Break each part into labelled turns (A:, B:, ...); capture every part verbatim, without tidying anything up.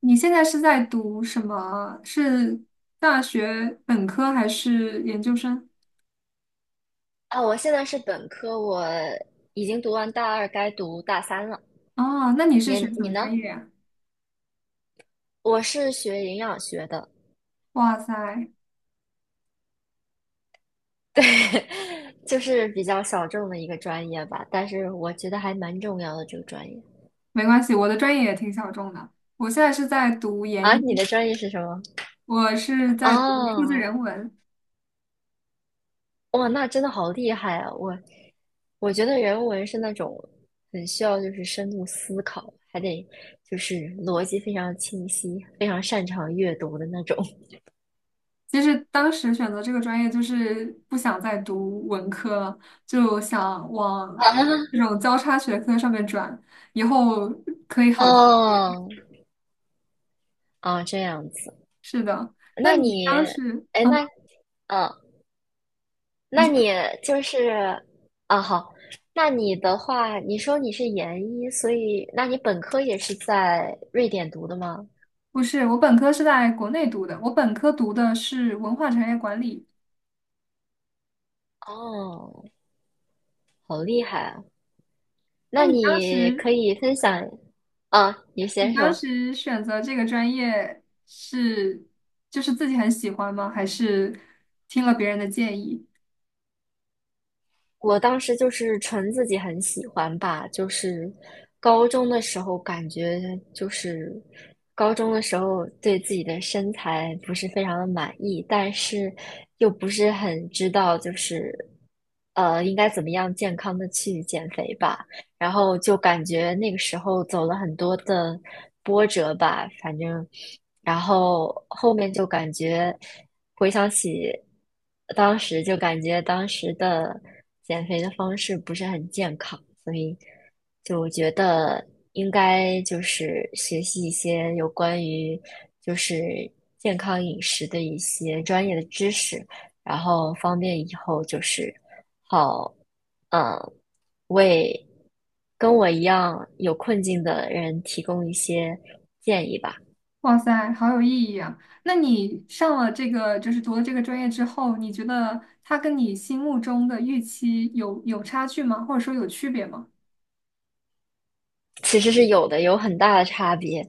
A: 你现在是在读什么？是大学本科还是研究生？
B: 啊，我现在是本科，我已经读完大二，该读大三了。
A: 哦，那你是学
B: 你
A: 什
B: 你
A: 么
B: 呢？
A: 专业呀？
B: 我是学营养学的，
A: 哇塞，
B: 对，就是比较小众的一个专业吧，但是我觉得还蛮重要的这个专业。
A: 没关系，我的专业也挺小众的。我现在是在读研
B: 啊，你的
A: 一，
B: 专业是什么？
A: 我是在读数字
B: 哦，
A: 人文。
B: 哇，那真的好厉害啊！我我觉得人文是那种很需要就是深度思考，还得就是逻辑非常清晰，非常擅长阅读的那种。
A: 其实当时选择这个专业就是不想再读文科了，就想 往
B: 啊，
A: 这种交叉学科上面转，以后可以好记。
B: 哦，哦，这样子。
A: 是的，那
B: 那
A: 你
B: 你，
A: 当时，
B: 哎，
A: 嗯。
B: 那，嗯，那
A: 你。
B: 你就是，啊，好，那你的话，你说你是研一，所以，那你本科也是在瑞典读的吗？
A: 不是，我本科是在国内读的，我本科读的是文化产业管理。
B: 哦，好厉害啊！
A: 那
B: 那
A: 你当
B: 你
A: 时，
B: 可以分享，啊，你
A: 你
B: 先
A: 当
B: 说。
A: 时选择这个专业是，就是自己很喜欢吗？还是听了别人的建议？
B: 我当时就是纯自己很喜欢吧，就是高中的时候感觉就是高中的时候对自己的身材不是非常的满意，但是又不是很知道就是呃应该怎么样健康的去减肥吧，然后就感觉那个时候走了很多的波折吧，反正然后后面就感觉。回想起当时，就感觉当时的减肥的方式不是很健康，所以就我觉得应该就是学习一些有关于就是健康饮食的一些专业的知识，然后方便以后就是好，嗯，为跟我一样有困境的人提供一些建议吧。
A: 哇塞，好有意义啊！那你上了这个，就是读了这个专业之后，你觉得它跟你心目中的预期有有差距吗？或者说有区别吗？
B: 其实是有的，有很大的差别。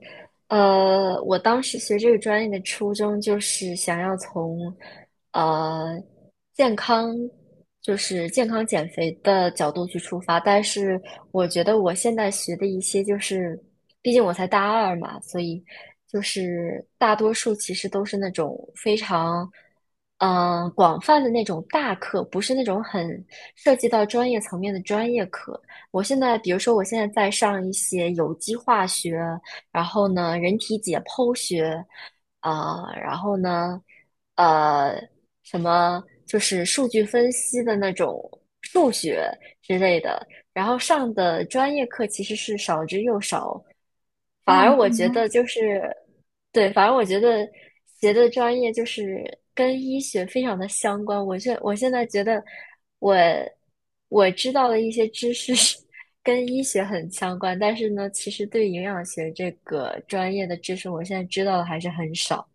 B: 呃，我当时学这个专业的初衷就是想要从呃健康，就是健康减肥的角度去出发，但是我觉得我现在学的一些就是，毕竟我才大二嘛，所以就是大多数其实都是那种非常。嗯，广泛的那种大课，不是那种很涉及到专业层面的专业课，我现在，比如说，我现在在上一些有机化学，然后呢，人体解剖学，啊、然后呢，呃，什么就是数据分析的那种数学之类的，然后上的专业课其实是少之又少，反
A: 哦，
B: 而我觉
A: 嗯
B: 得就是，对，反而我觉得学的专业就是跟医学非常的相关。我现我现在觉得我我知道的一些知识是 跟医学很相关，但是呢，其实对营养学这个专业的知识，我现在知道的还是很少。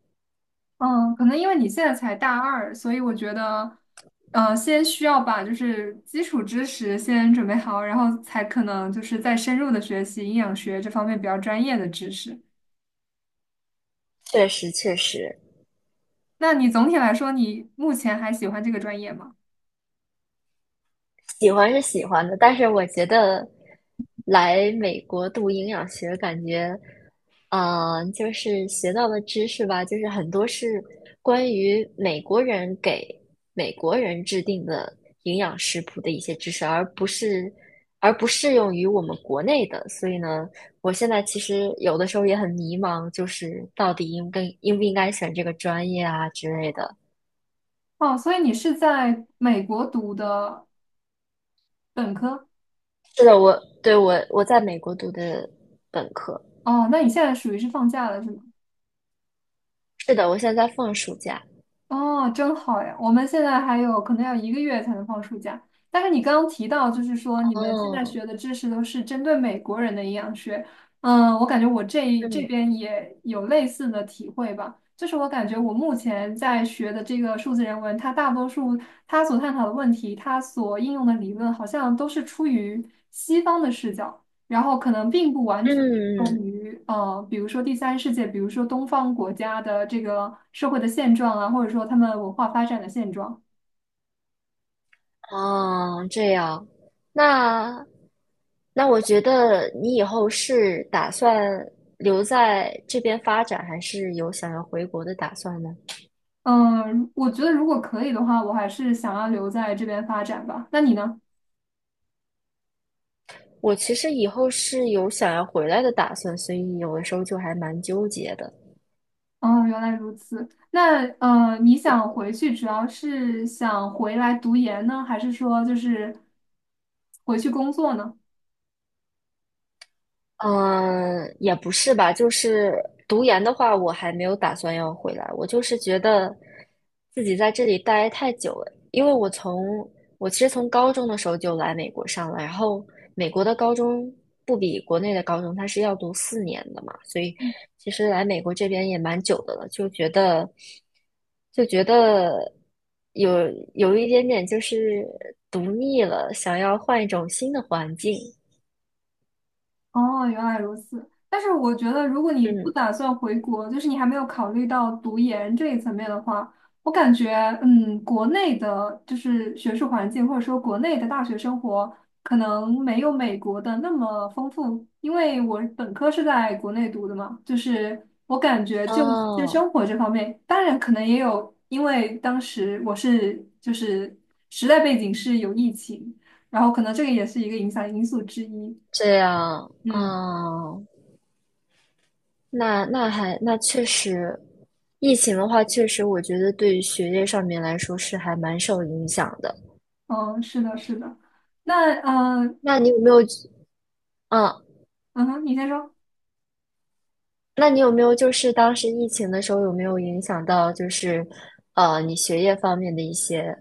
A: 嗯，可能因为你现在才大二，所以我觉得，呃，先需要把就是基础知识先准备好，然后才可能就是再深入的学习营养学这方面比较专业的知识。
B: 确实，确实。
A: 那你总体来说，你目前还喜欢这个专业吗？
B: 喜欢是喜欢的，但是我觉得来美国读营养学，感觉，嗯、就是学到的知识吧，就是很多是关于美国人给美国人制定的营养食谱的一些知识，而不是而不适用于我们国内的。所以呢，我现在其实有的时候也很迷茫，就是到底应该应不应该选这个专业啊之类的。
A: 哦，所以你是在美国读的本科？
B: 是的，我对我我在美国读的本科。
A: 哦，那你现在属于是放假了，是吗？
B: 是的，我现在在放暑假。
A: 哦，真好呀！我们现在还有可能要一个月才能放暑假。但是你刚刚提到，就是说你们现在
B: 哦，
A: 学的知识都是针对美国人的营养学，嗯，我感觉我这这
B: 嗯
A: 边也有类似的体会吧。就是我感觉我目前在学的这个数字人文，它大多数它所探讨的问题，它所应用的理论，好像都是出于西方的视角。然后可能并不完全
B: 嗯
A: 用
B: 嗯，
A: 于呃，比如说第三世界，比如说东方国家的这个社会的现状啊，或者说他们文化发展的现状。
B: 哦，这样，那那我觉得你以后是打算留在这边发展，还是有想要回国的打算呢？
A: 嗯，我觉得如果可以的话，我还是想要留在这边发展吧。那你呢？
B: 我其实以后是有想要回来的打算，所以有的时候就还蛮纠结的。
A: 哦，原来如此。那呃，你想回去主要是想回来读研呢，还是说就是回去工作呢？
B: 嗯，也不是吧，就是读研的话，我还没有打算要回来。我就是觉得自己在这里待太久了，因为我从我其实从高中的时候就来美国上了，然后美国的高中不比国内的高中，它是要读四年的嘛，所以其实来美国这边也蛮久的了，就觉得就觉得有有一点点就是读腻了，想要换一种新的环境。
A: 哦，原来如此。但是我觉得，如果你不
B: 嗯，
A: 打算回国，就是你还没有考虑到读研这一层面的话，我感觉，嗯，国内的就是学术环境，或者说国内的大学生活，可能没有美国的那么丰富。因为我本科是在国内读的嘛，就是我感觉就就
B: 哦。
A: 生活这方面，当然可能也有，因为当时我是就是时代背景是有疫情，然后可能这个也是一个影响因素之一。
B: 这样
A: 嗯。
B: 啊，那那还那确实，疫情的话，确实我觉得对于学业上面来说是还蛮受影响的。
A: 嗯，是的，是的。那嗯
B: 那你有没有，嗯，
A: 嗯哼，你先说。
B: 那你有没有就是当时疫情的时候有没有影响到就是，呃，你学业方面的一些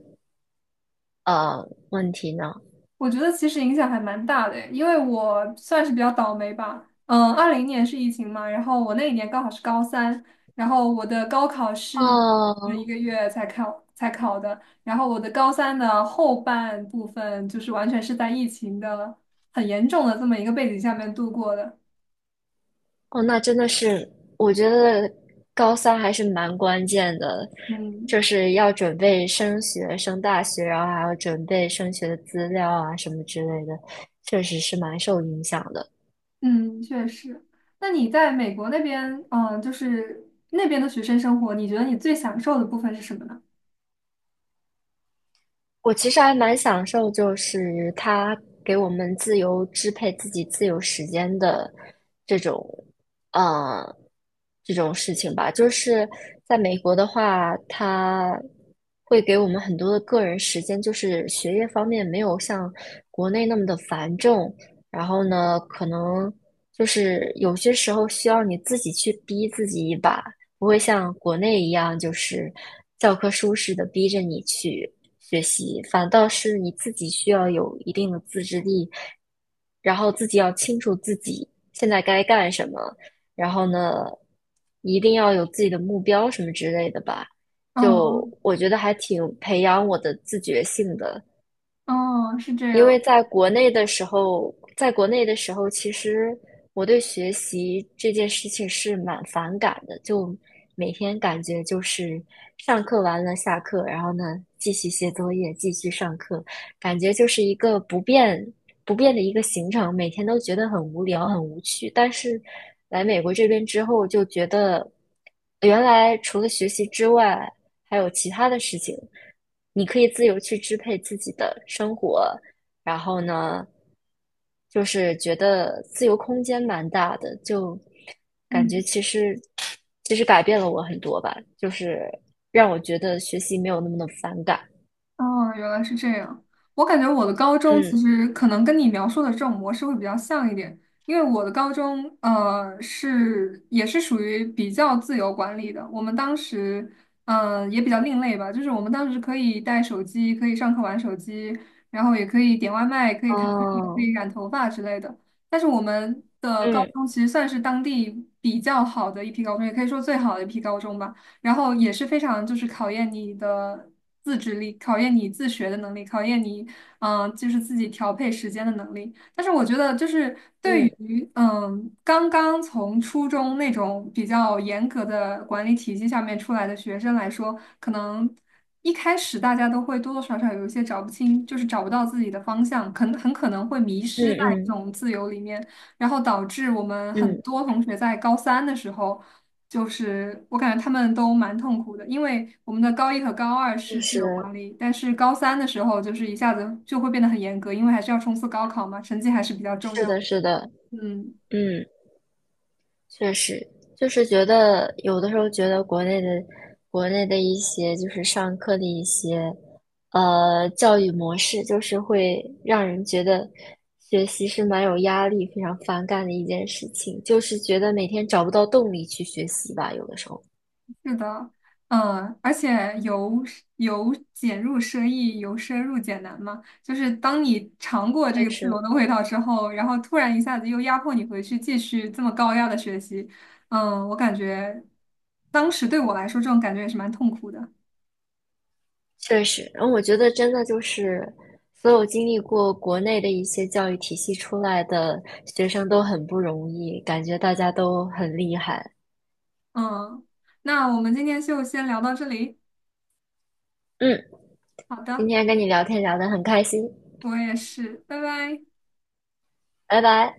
B: 呃问题呢？
A: 我觉得其实影响还蛮大的诶，因为我算是比较倒霉吧。嗯，二零年是疫情嘛，然后我那一年刚好是高三，然后我的高考是一
B: 哦，
A: 个月才考才考的，然后我的高三的后半部分就是完全是在疫情的很严重的这么一个背景下面度过的。
B: 哦，那真的是，我觉得高三还是蛮关键的，
A: 嗯，
B: 就是要准备升学、升大学，然后还要准备升学的资料啊什么之类的，确实是蛮受影响的。
A: 嗯，确实。那你在美国那边，嗯、就是那边的学生生活，你觉得你最享受的部分是什么呢？
B: 我其实还蛮享受，就是他给我们自由支配自己自由时间的这种，呃，这种事情吧。就是在美国的话，他会给我们很多的个人时间，就是学业方面没有像国内那么的繁重。然后呢，可能就是有些时候需要你自己去逼自己一把，不会像国内一样就是教科书似的逼着你去学习，反倒是你自己需要有一定的自制力，然后自己要清楚自己现在该干什么，然后呢，一定要有自己的目标什么之类的吧。就
A: 嗯，
B: 我觉得还挺培养我的自觉性的，
A: 哦，是这
B: 因
A: 样。
B: 为在国内的时候，在国内的时候，其实我对学习这件事情是蛮反感的，就每天感觉就是上课完了下课，然后呢继续写作业，继续上课，感觉就是一个不变不变的一个行程，每天都觉得很无聊、很无趣。但是来美国这边之后，就觉得原来除了学习之外，还有其他的事情。你可以自由去支配自己的生活，然后呢，就是觉得自由空间蛮大的，就感觉
A: 嗯，
B: 其实其实改变了我很多吧，就是让我觉得学习没有那么的反感。
A: 哦，原来是这样。我感觉我的高中其
B: 嗯，
A: 实可能跟你描述的这种模式会比较像一点，因为我的高中呃是也是属于比较自由管理的。我们当时嗯、呃也比较另类吧，就是我们当时可以带手机，可以上课玩手机，然后也可以点外卖，可以谈恋爱，可以
B: 哦，
A: 染头发之类的。但是我们的高
B: 嗯
A: 中其实算是当地比较好的一批高中，也可以说最好的一批高中吧。然后也是非常就是考验你的自制力，考验你自学的能力，考验你嗯、呃就是自己调配时间的能力。但是我觉得就是对
B: 嗯
A: 于嗯刚刚从初中那种比较严格的管理体系下面出来的学生来说，可能。一开始大家都会多多少少有一些找不清，就是找不到自己的方向，可能很可能会迷
B: 嗯
A: 失在这
B: 嗯
A: 种自由里面，然后导致我们很
B: 嗯，
A: 多同学在高三的时候。就是我感觉他们都蛮痛苦的，因为我们的高一和高二
B: 就
A: 是自由
B: 是
A: 管理，但是高三的时候就是一下子就会变得很严格，因为还是要冲刺高考嘛，成绩还是比较重
B: 是
A: 要。
B: 的，是的，
A: 嗯，
B: 嗯。确实，就是觉得有的时候觉得国内的国内的一些就是上课的一些呃教育模式，就是会让人觉得学习是蛮有压力、非常反感的一件事情，就是觉得每天找不到动力去学习吧，有的时候。
A: 是的，嗯，而且由由俭入奢易，由奢入俭难嘛，就是当你尝过这
B: 但
A: 个自由
B: 是
A: 的味道之后，然后突然一下子又压迫你回去继续这么高压的学习，嗯，我感觉当时对我来说这种感觉也是蛮痛苦的。
B: 确实，然后我觉得真的就是所有经历过国内的一些教育体系出来的学生都很不容易，感觉大家都很厉害。
A: 嗯，那我们今天就先聊到这里。
B: 嗯。
A: 好
B: 今
A: 的，
B: 天跟你聊天聊得很开心，
A: 我也是，拜拜。
B: 拜拜。